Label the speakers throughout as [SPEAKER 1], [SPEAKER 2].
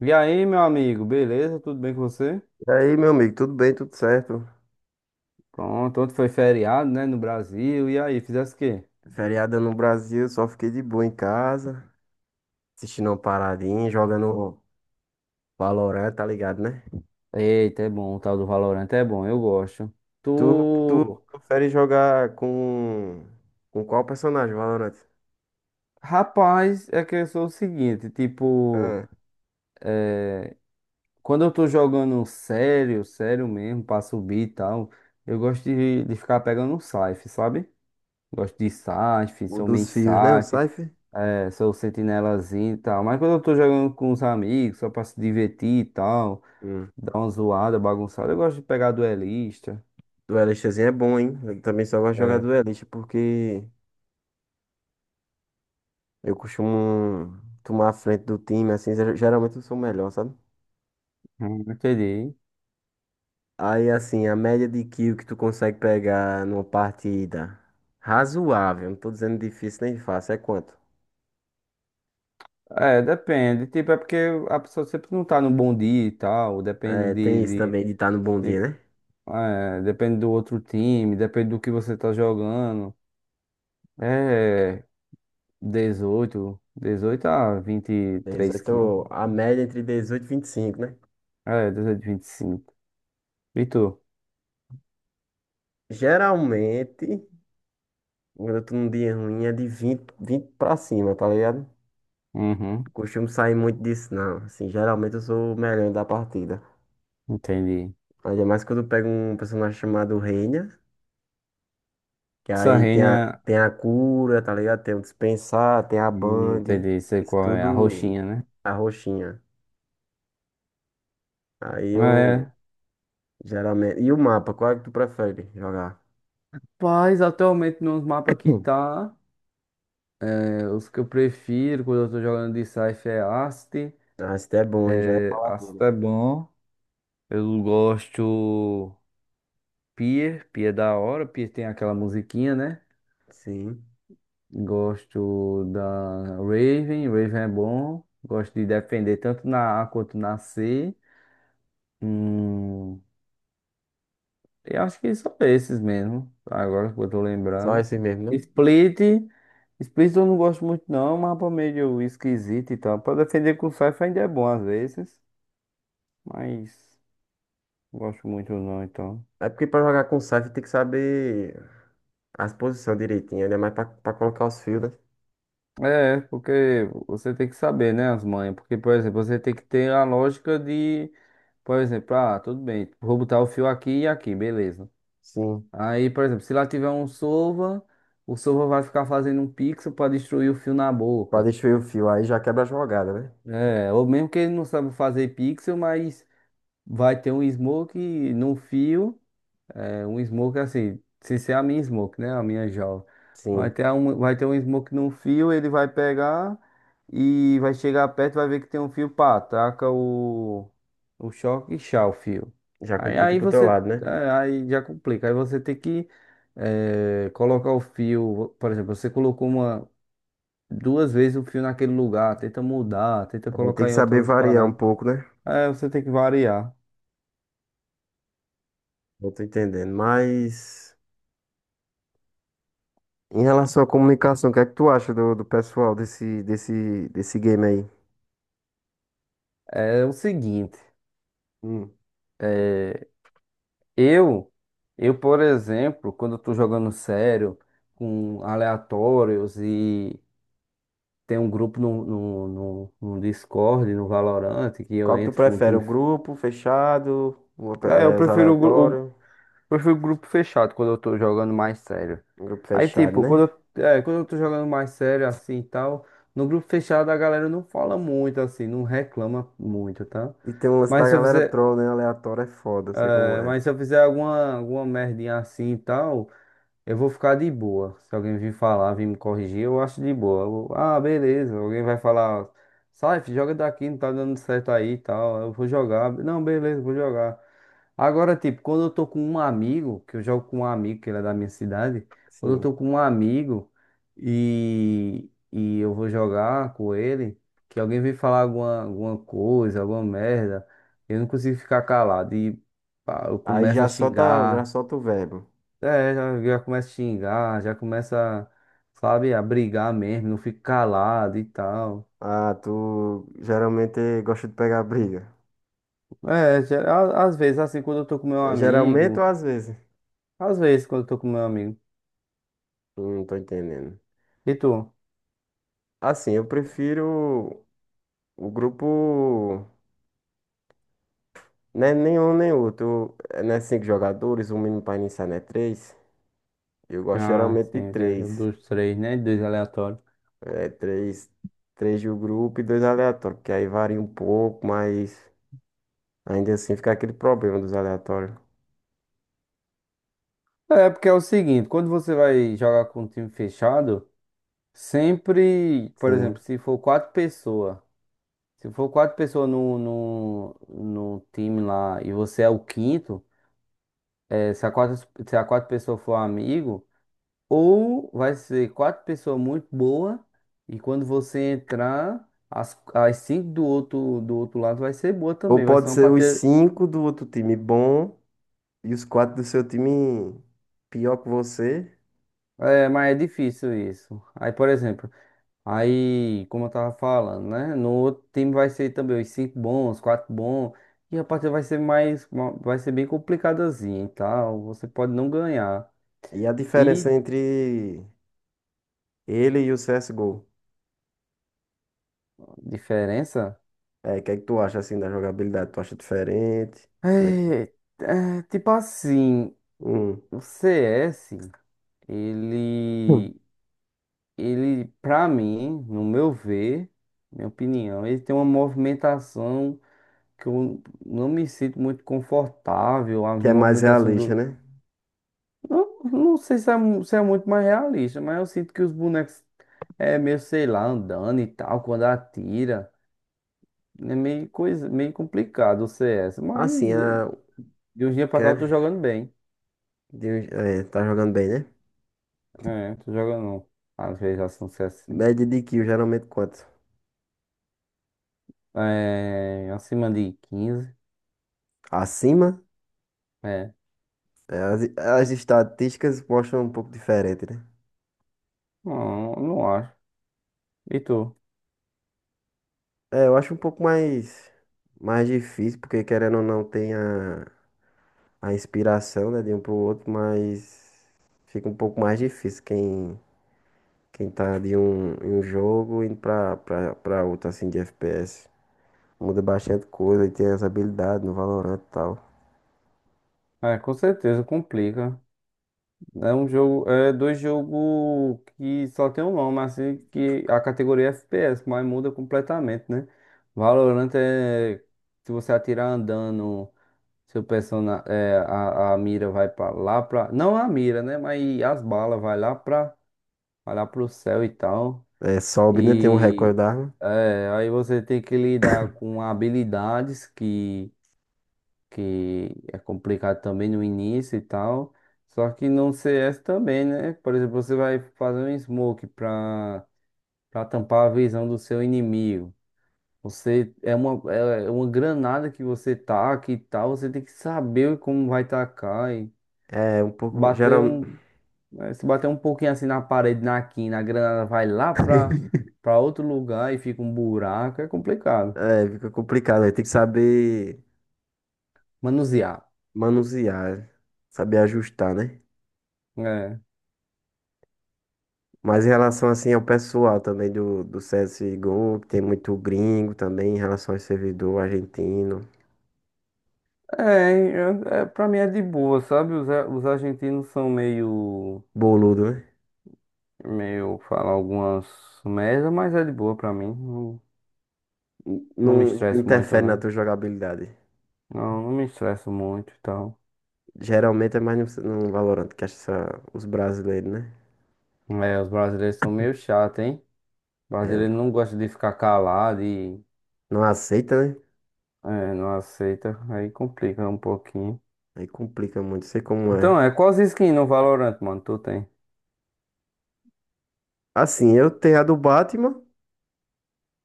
[SPEAKER 1] E aí, meu amigo, beleza? Tudo bem com você?
[SPEAKER 2] E aí, meu amigo, tudo bem, tudo certo?
[SPEAKER 1] Pronto, ontem foi feriado, né, no Brasil. E aí, fizesse o quê?
[SPEAKER 2] Feriado no Brasil, só fiquei de boa em casa, assistindo uma paradinha, jogando Valorant, tá ligado, né?
[SPEAKER 1] Eita, é bom, o tal do Valorant é bom, eu gosto.
[SPEAKER 2] Tu
[SPEAKER 1] Tu.
[SPEAKER 2] prefere jogar com qual personagem, Valorant?
[SPEAKER 1] Rapaz, é que eu sou o seguinte, tipo,
[SPEAKER 2] Ah,
[SPEAKER 1] quando eu tô jogando sério, sério mesmo, pra subir e tal, eu gosto de ficar pegando um Scythe, sabe? Gosto de Scythe,
[SPEAKER 2] o
[SPEAKER 1] sou main
[SPEAKER 2] dos fios, né? O
[SPEAKER 1] Scythe,
[SPEAKER 2] Cypher?
[SPEAKER 1] é, sou sentinelazinho e tal. Mas quando eu tô jogando com os amigos, só pra se divertir e tal.
[SPEAKER 2] Hum.
[SPEAKER 1] Dá uma zoada, bagunçada. Eu gosto de pegar duelista.
[SPEAKER 2] Duelistazinho é bom, hein? Eu também só gosto de jogar
[SPEAKER 1] É,
[SPEAKER 2] duelista porque eu costumo tomar a frente do time, assim, geralmente eu sou o melhor, sabe?
[SPEAKER 1] entendi.
[SPEAKER 2] Aí, assim, a média de kill que tu consegue pegar numa partida razoável, não tô dizendo difícil nem fácil, é quanto?
[SPEAKER 1] É, depende. Tipo, é porque a pessoa sempre não tá no bom dia e tal. Depende
[SPEAKER 2] É, tem isso também de estar no bom dia,
[SPEAKER 1] de-
[SPEAKER 2] né?
[SPEAKER 1] é, depende do outro time, depende do que você tá jogando. É 18 a 23 quilos.
[SPEAKER 2] 18, a média entre 18 e 25, né?
[SPEAKER 1] É, 18, 25. E cinco. E tu?
[SPEAKER 2] Geralmente, quando eu tô num dia ruim, é de vinte pra cima, tá ligado? Não
[SPEAKER 1] Uhum,
[SPEAKER 2] costumo sair muito disso, não. Assim, geralmente eu sou o melhor da partida.
[SPEAKER 1] entendi.
[SPEAKER 2] Ainda mais quando eu pego um personagem chamado Reyna. Que
[SPEAKER 1] Essa
[SPEAKER 2] aí
[SPEAKER 1] reina,
[SPEAKER 2] tem a cura, tá ligado? Tem o dispensar, tem a bang.
[SPEAKER 1] entendi, sei
[SPEAKER 2] Isso
[SPEAKER 1] qual é, a
[SPEAKER 2] tudo
[SPEAKER 1] roxinha, né?
[SPEAKER 2] a roxinha. Aí eu
[SPEAKER 1] É.
[SPEAKER 2] geralmente. E o mapa, qual é que tu prefere jogar?
[SPEAKER 1] Mas atualmente nos mapas que
[SPEAKER 2] Hum.
[SPEAKER 1] tá. É, os que eu prefiro quando eu tô jogando de Scythe é Ast.
[SPEAKER 2] Ah, esse é bom, hein? Já ia
[SPEAKER 1] É,
[SPEAKER 2] falar
[SPEAKER 1] Ast
[SPEAKER 2] dele.
[SPEAKER 1] é bom. Eu gosto Pier. Pier é da hora. Pier tem aquela musiquinha, né?
[SPEAKER 2] Sim.
[SPEAKER 1] Gosto da Raven. Raven é bom. Gosto de defender tanto na A quanto na C. Hum, eu acho que são esses mesmo. Agora que eu tô
[SPEAKER 2] Só
[SPEAKER 1] lembrando.
[SPEAKER 2] esse mesmo, né?
[SPEAKER 1] Split. Split eu não gosto muito, não. Mapa meio esquisito e tal. Pra defender com Scythe ainda é bom às vezes. Mas não gosto muito, não, então.
[SPEAKER 2] É porque pra jogar com Scythe tem que saber as posições direitinho, né? Mais pra colocar os fios, né?
[SPEAKER 1] É, porque você tem que saber, né, as manhas. Porque, por exemplo, você tem que ter a lógica de, por exemplo, ah, tudo bem, vou botar o fio aqui e aqui, beleza.
[SPEAKER 2] Sim.
[SPEAKER 1] Aí, por exemplo, se lá tiver um Sova, o Sova vai ficar fazendo um pixel para destruir o fio na
[SPEAKER 2] Pra
[SPEAKER 1] boca.
[SPEAKER 2] destruir o fio, aí já quebra a jogada, né?
[SPEAKER 1] É, ou mesmo que ele não sabe fazer pixel, mas vai ter um smoke no fio. É um smoke assim, se ser a minha smoke, né? A minha jaw. Vai
[SPEAKER 2] Sim.
[SPEAKER 1] ter um, vai ter um smoke num fio, ele vai pegar e vai chegar perto, vai ver que tem um fio, pá, taca o choque e chá o fio.
[SPEAKER 2] Já
[SPEAKER 1] Aí,
[SPEAKER 2] complica
[SPEAKER 1] aí
[SPEAKER 2] pro teu
[SPEAKER 1] você,
[SPEAKER 2] lado, né?
[SPEAKER 1] é, aí já complica. Aí você tem que colocar o fio, por exemplo, você colocou duas vezes o fio naquele lugar, tenta mudar, tenta
[SPEAKER 2] Aí tem
[SPEAKER 1] colocar
[SPEAKER 2] que
[SPEAKER 1] em
[SPEAKER 2] saber
[SPEAKER 1] outras
[SPEAKER 2] variar um
[SPEAKER 1] paradas.
[SPEAKER 2] pouco, né?
[SPEAKER 1] É, você tem que variar.
[SPEAKER 2] Eu tô entendendo. Mas. Em relação à comunicação, o que é que tu acha do pessoal desse game aí?
[SPEAKER 1] É o seguinte.
[SPEAKER 2] Hum.
[SPEAKER 1] é, Eu, eu, por exemplo, quando eu tô jogando sério, com aleatórios, e tem um grupo no Discord, no Valorant, que eu
[SPEAKER 2] Qual que tu
[SPEAKER 1] entro com o
[SPEAKER 2] prefere? O
[SPEAKER 1] time.
[SPEAKER 2] grupo fechado?
[SPEAKER 1] É, eu
[SPEAKER 2] Os
[SPEAKER 1] prefiro o, gru- o-
[SPEAKER 2] aleatórios?
[SPEAKER 1] prefiro o grupo fechado quando eu tô jogando mais sério.
[SPEAKER 2] O grupo
[SPEAKER 1] Aí,
[SPEAKER 2] fechado,
[SPEAKER 1] tipo,
[SPEAKER 2] né?
[SPEAKER 1] quando eu tô jogando mais sério assim e tal, no grupo fechado a galera não fala muito, assim, não reclama muito, tá?
[SPEAKER 2] E tem um lance da
[SPEAKER 1] Mas se eu
[SPEAKER 2] galera
[SPEAKER 1] fizer,
[SPEAKER 2] troll, né? Aleatório é foda, eu sei como
[SPEAKER 1] é,
[SPEAKER 2] é.
[SPEAKER 1] mas se eu fizer alguma merdinha assim e tal. Eu vou ficar de boa. Se alguém vir falar, vir me corrigir, eu acho de boa. Vou, ah, beleza. Alguém vai falar, sai, filho, joga daqui, não tá dando certo aí e tal. Eu vou jogar. Não, beleza, vou jogar. Agora, tipo, quando eu tô com um amigo, que eu jogo com um amigo, que ele é da minha cidade, quando eu tô
[SPEAKER 2] Sim.
[SPEAKER 1] com um amigo e eu vou jogar com ele, que alguém vem falar alguma coisa, alguma merda, eu não consigo ficar calado. E pá, eu
[SPEAKER 2] Aí
[SPEAKER 1] começo a
[SPEAKER 2] já
[SPEAKER 1] xingar.
[SPEAKER 2] solta o verbo.
[SPEAKER 1] É, já, começa a xingar, já começa, sabe, a brigar mesmo, não fica calado e tal.
[SPEAKER 2] Ah, tu geralmente gosta de pegar briga.
[SPEAKER 1] É, às vezes, assim, quando eu tô com meu
[SPEAKER 2] Geralmente ou
[SPEAKER 1] amigo,
[SPEAKER 2] às vezes?
[SPEAKER 1] às vezes quando eu tô com meu amigo.
[SPEAKER 2] Hum. Não tô entendendo.
[SPEAKER 1] E tu?
[SPEAKER 2] Assim, eu prefiro o grupo. Né, nenhum nem outro. É, né, cinco jogadores, o mínimo para iniciar, né? Três. Eu gosto
[SPEAKER 1] Ah,
[SPEAKER 2] geralmente
[SPEAKER 1] sim,
[SPEAKER 2] de
[SPEAKER 1] entendeu.
[SPEAKER 2] três.
[SPEAKER 1] Dos três, né? Dois aleatórios.
[SPEAKER 2] É, três do grupo e dois aleatórios. Porque aí varia um pouco, mas ainda assim fica aquele problema dos aleatórios.
[SPEAKER 1] É, porque é o seguinte, quando você vai jogar com um time fechado, sempre, por
[SPEAKER 2] Sim.
[SPEAKER 1] exemplo, se for quatro pessoas no time lá e você é o quinto, é, se a quatro, se a quatro pessoas for amigo. Ou vai ser quatro pessoas muito boas, e quando você entrar, as cinco do outro lado vai ser boa
[SPEAKER 2] Ou
[SPEAKER 1] também. Vai ser
[SPEAKER 2] pode
[SPEAKER 1] uma
[SPEAKER 2] ser os
[SPEAKER 1] partida.
[SPEAKER 2] cinco do outro time bom e os quatro do seu time pior que você.
[SPEAKER 1] É, mas é difícil isso. Aí, por exemplo, aí, como eu tava falando, né? No outro time vai ser também os cinco bons, quatro bons. E a partida vai ser mais. Vai ser bem complicadazinha e tal. Você pode não ganhar.
[SPEAKER 2] E a
[SPEAKER 1] E
[SPEAKER 2] diferença entre ele e o CSGO.
[SPEAKER 1] diferença?
[SPEAKER 2] É, o que é que tu acha assim da jogabilidade? Tu acha diferente? Como é que.
[SPEAKER 1] É, é, tipo assim, o CS,
[SPEAKER 2] Hum.
[SPEAKER 1] ele. ele, pra mim, no meu ver, minha opinião, ele tem uma movimentação que eu não me sinto muito confortável. A
[SPEAKER 2] Que é mais
[SPEAKER 1] movimentação
[SPEAKER 2] realista,
[SPEAKER 1] do.
[SPEAKER 2] né?
[SPEAKER 1] Não, não sei se é muito mais realista, mas eu sinto que os bonecos é meio, sei lá, andando e tal, quando atira. É meio coisa, meio complicado o CS, mas
[SPEAKER 2] Assim, a...
[SPEAKER 1] de um dia pra cá eu tô
[SPEAKER 2] quer
[SPEAKER 1] jogando bem.
[SPEAKER 2] de... um- é, tá jogando bem, né?
[SPEAKER 1] É, tô jogando, às vezes, ação CS, sim.
[SPEAKER 2] Média de kill, geralmente quanto?
[SPEAKER 1] É, acima de 15.
[SPEAKER 2] Acima?
[SPEAKER 1] É,
[SPEAKER 2] É, as estatísticas mostram um pouco diferente, né?
[SPEAKER 1] não, não acho. E tu?
[SPEAKER 2] É, eu acho um pouco mais difícil, porque querendo ou não tem a inspiração, né, de um pro outro, mas fica um pouco mais difícil quem tá de um, em um jogo indo pra outro, assim, de FPS. Muda bastante coisa e tem as habilidades no Valorant e tal.
[SPEAKER 1] É, com certeza, complica. É um jogo, é dois jogos que só tem um nome, assim, que a categoria é FPS, mas muda completamente, né? Valorant é se você atirar andando, seu personagem, a mira vai lá pra. Não a mira, né? Mas as balas vai lá pro céu e tal.
[SPEAKER 2] É, sobe, né? Tem um recorde
[SPEAKER 1] E
[SPEAKER 2] da arma.
[SPEAKER 1] aí você tem que lidar com habilidades que é complicado também no início e tal. Só que no CS também, né? Por exemplo, você vai fazer um smoke pra tampar a visão do seu inimigo. Você é uma granada que você taca e tal, você tem que saber como vai tacar e
[SPEAKER 2] É um pouco.
[SPEAKER 1] bater um, se bater um pouquinho assim na parede, na quina, a granada vai lá pra, pra outro lugar e fica um buraco, é complicado.
[SPEAKER 2] É, fica complicado. Aí tem que saber
[SPEAKER 1] Manusear.
[SPEAKER 2] manusear, saber ajustar, né?
[SPEAKER 1] Né?
[SPEAKER 2] Mas em relação assim ao pessoal também do CSGO, que tem muito gringo também, em relação ao servidor argentino,
[SPEAKER 1] É, é, pra mim é de boa, sabe? Os argentinos são meio,
[SPEAKER 2] boludo, né?
[SPEAKER 1] meio, falam algumas merda, mas é de boa pra mim. Não, não me
[SPEAKER 2] Não
[SPEAKER 1] estresso muito,
[SPEAKER 2] interfere na
[SPEAKER 1] não.
[SPEAKER 2] tua jogabilidade.
[SPEAKER 1] Não, não me estresso muito e tal.
[SPEAKER 2] Geralmente é mais no Valorant, que acha os brasileiros, né?
[SPEAKER 1] É, os brasileiros são meio chatos, hein? O
[SPEAKER 2] É,
[SPEAKER 1] brasileiro não gosta de ficar calado e
[SPEAKER 2] não aceita, né?
[SPEAKER 1] não aceita. Aí complica um pouquinho.
[SPEAKER 2] Aí complica muito, sei como é.
[SPEAKER 1] Então, quais skin no Valorant, mano? Tu tem?
[SPEAKER 2] Assim, eu tenho a do Batman,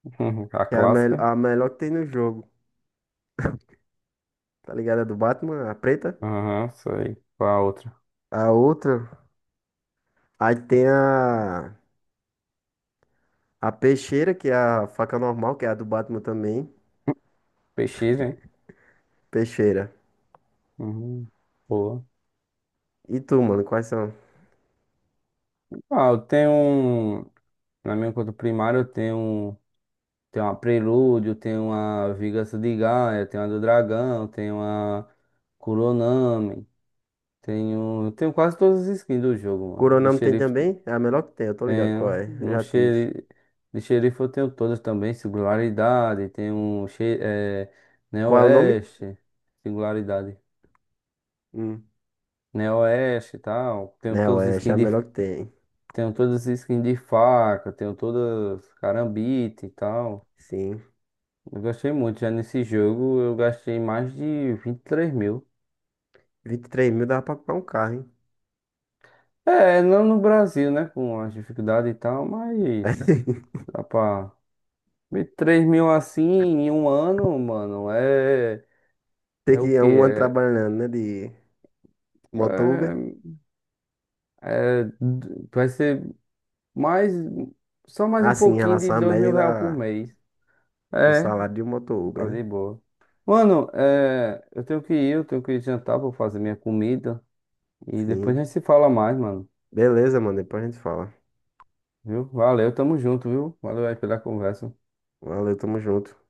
[SPEAKER 1] A
[SPEAKER 2] que é
[SPEAKER 1] clássica?
[SPEAKER 2] a melhor que tem no jogo. Tá ligado? A do Batman, a preta.
[SPEAKER 1] Aham, sei. Qual a outra?
[SPEAKER 2] A outra. Aí tem a. A peixeira, que é a faca normal, que é a do Batman também.
[SPEAKER 1] PX, hein?
[SPEAKER 2] Peixeira.
[SPEAKER 1] Uhum. Boa.
[SPEAKER 2] E tu, mano, quais são?
[SPEAKER 1] Ah, eu tenho um. Na minha conta primária tenho uma Prelúdio, tenho uma Vingança de Gaia, tenho uma do Dragão, tenho uma Kuronami, Tenho quase todas as skins do jogo, mano. De
[SPEAKER 2] Coronamo tem
[SPEAKER 1] xerife
[SPEAKER 2] também? É a melhor que tem, eu tô ligado qual
[SPEAKER 1] tenho.
[SPEAKER 2] é. Eu
[SPEAKER 1] No
[SPEAKER 2] já tive.
[SPEAKER 1] xeri- De xerife eu tenho todas também, singularidade, tenho
[SPEAKER 2] Qual é o nome?
[SPEAKER 1] Neo-Oeste, singularidade.
[SPEAKER 2] Hum.
[SPEAKER 1] Neo-Oeste e tal. Tenho
[SPEAKER 2] Não,
[SPEAKER 1] todas
[SPEAKER 2] é,
[SPEAKER 1] as
[SPEAKER 2] essa é
[SPEAKER 1] skins
[SPEAKER 2] a
[SPEAKER 1] de.
[SPEAKER 2] melhor que tem.
[SPEAKER 1] Tenho todas as skins de faca, tenho todas carambite e tal.
[SPEAKER 2] Sim.
[SPEAKER 1] Eu gastei muito. Já nesse jogo eu gastei mais de 23 mil.
[SPEAKER 2] 23 mil dá pra comprar um carro, hein?
[SPEAKER 1] É, não no Brasil, né? Com as dificuldades e tal, mas dá pra, 23 mil assim em um ano, mano, é.
[SPEAKER 2] Tem
[SPEAKER 1] É o
[SPEAKER 2] que é
[SPEAKER 1] quê?
[SPEAKER 2] um ano trabalhando, né? De moto Uber.
[SPEAKER 1] É, é- vai ser mais. Só mais
[SPEAKER 2] Ah,
[SPEAKER 1] um
[SPEAKER 2] sim, em
[SPEAKER 1] pouquinho de
[SPEAKER 2] relação à
[SPEAKER 1] 2 mil
[SPEAKER 2] média
[SPEAKER 1] real por
[SPEAKER 2] da,
[SPEAKER 1] mês.
[SPEAKER 2] do
[SPEAKER 1] É,
[SPEAKER 2] salário de um moto
[SPEAKER 1] tá
[SPEAKER 2] Uber, né?
[SPEAKER 1] de boa. Mano, eu tenho que ir jantar, vou fazer minha comida. E depois a
[SPEAKER 2] Sim.
[SPEAKER 1] gente se fala mais, mano.
[SPEAKER 2] Beleza, mano. Depois a gente fala.
[SPEAKER 1] Viu? Valeu, tamo junto, viu? Valeu aí pela conversa.
[SPEAKER 2] Valeu, tamo junto.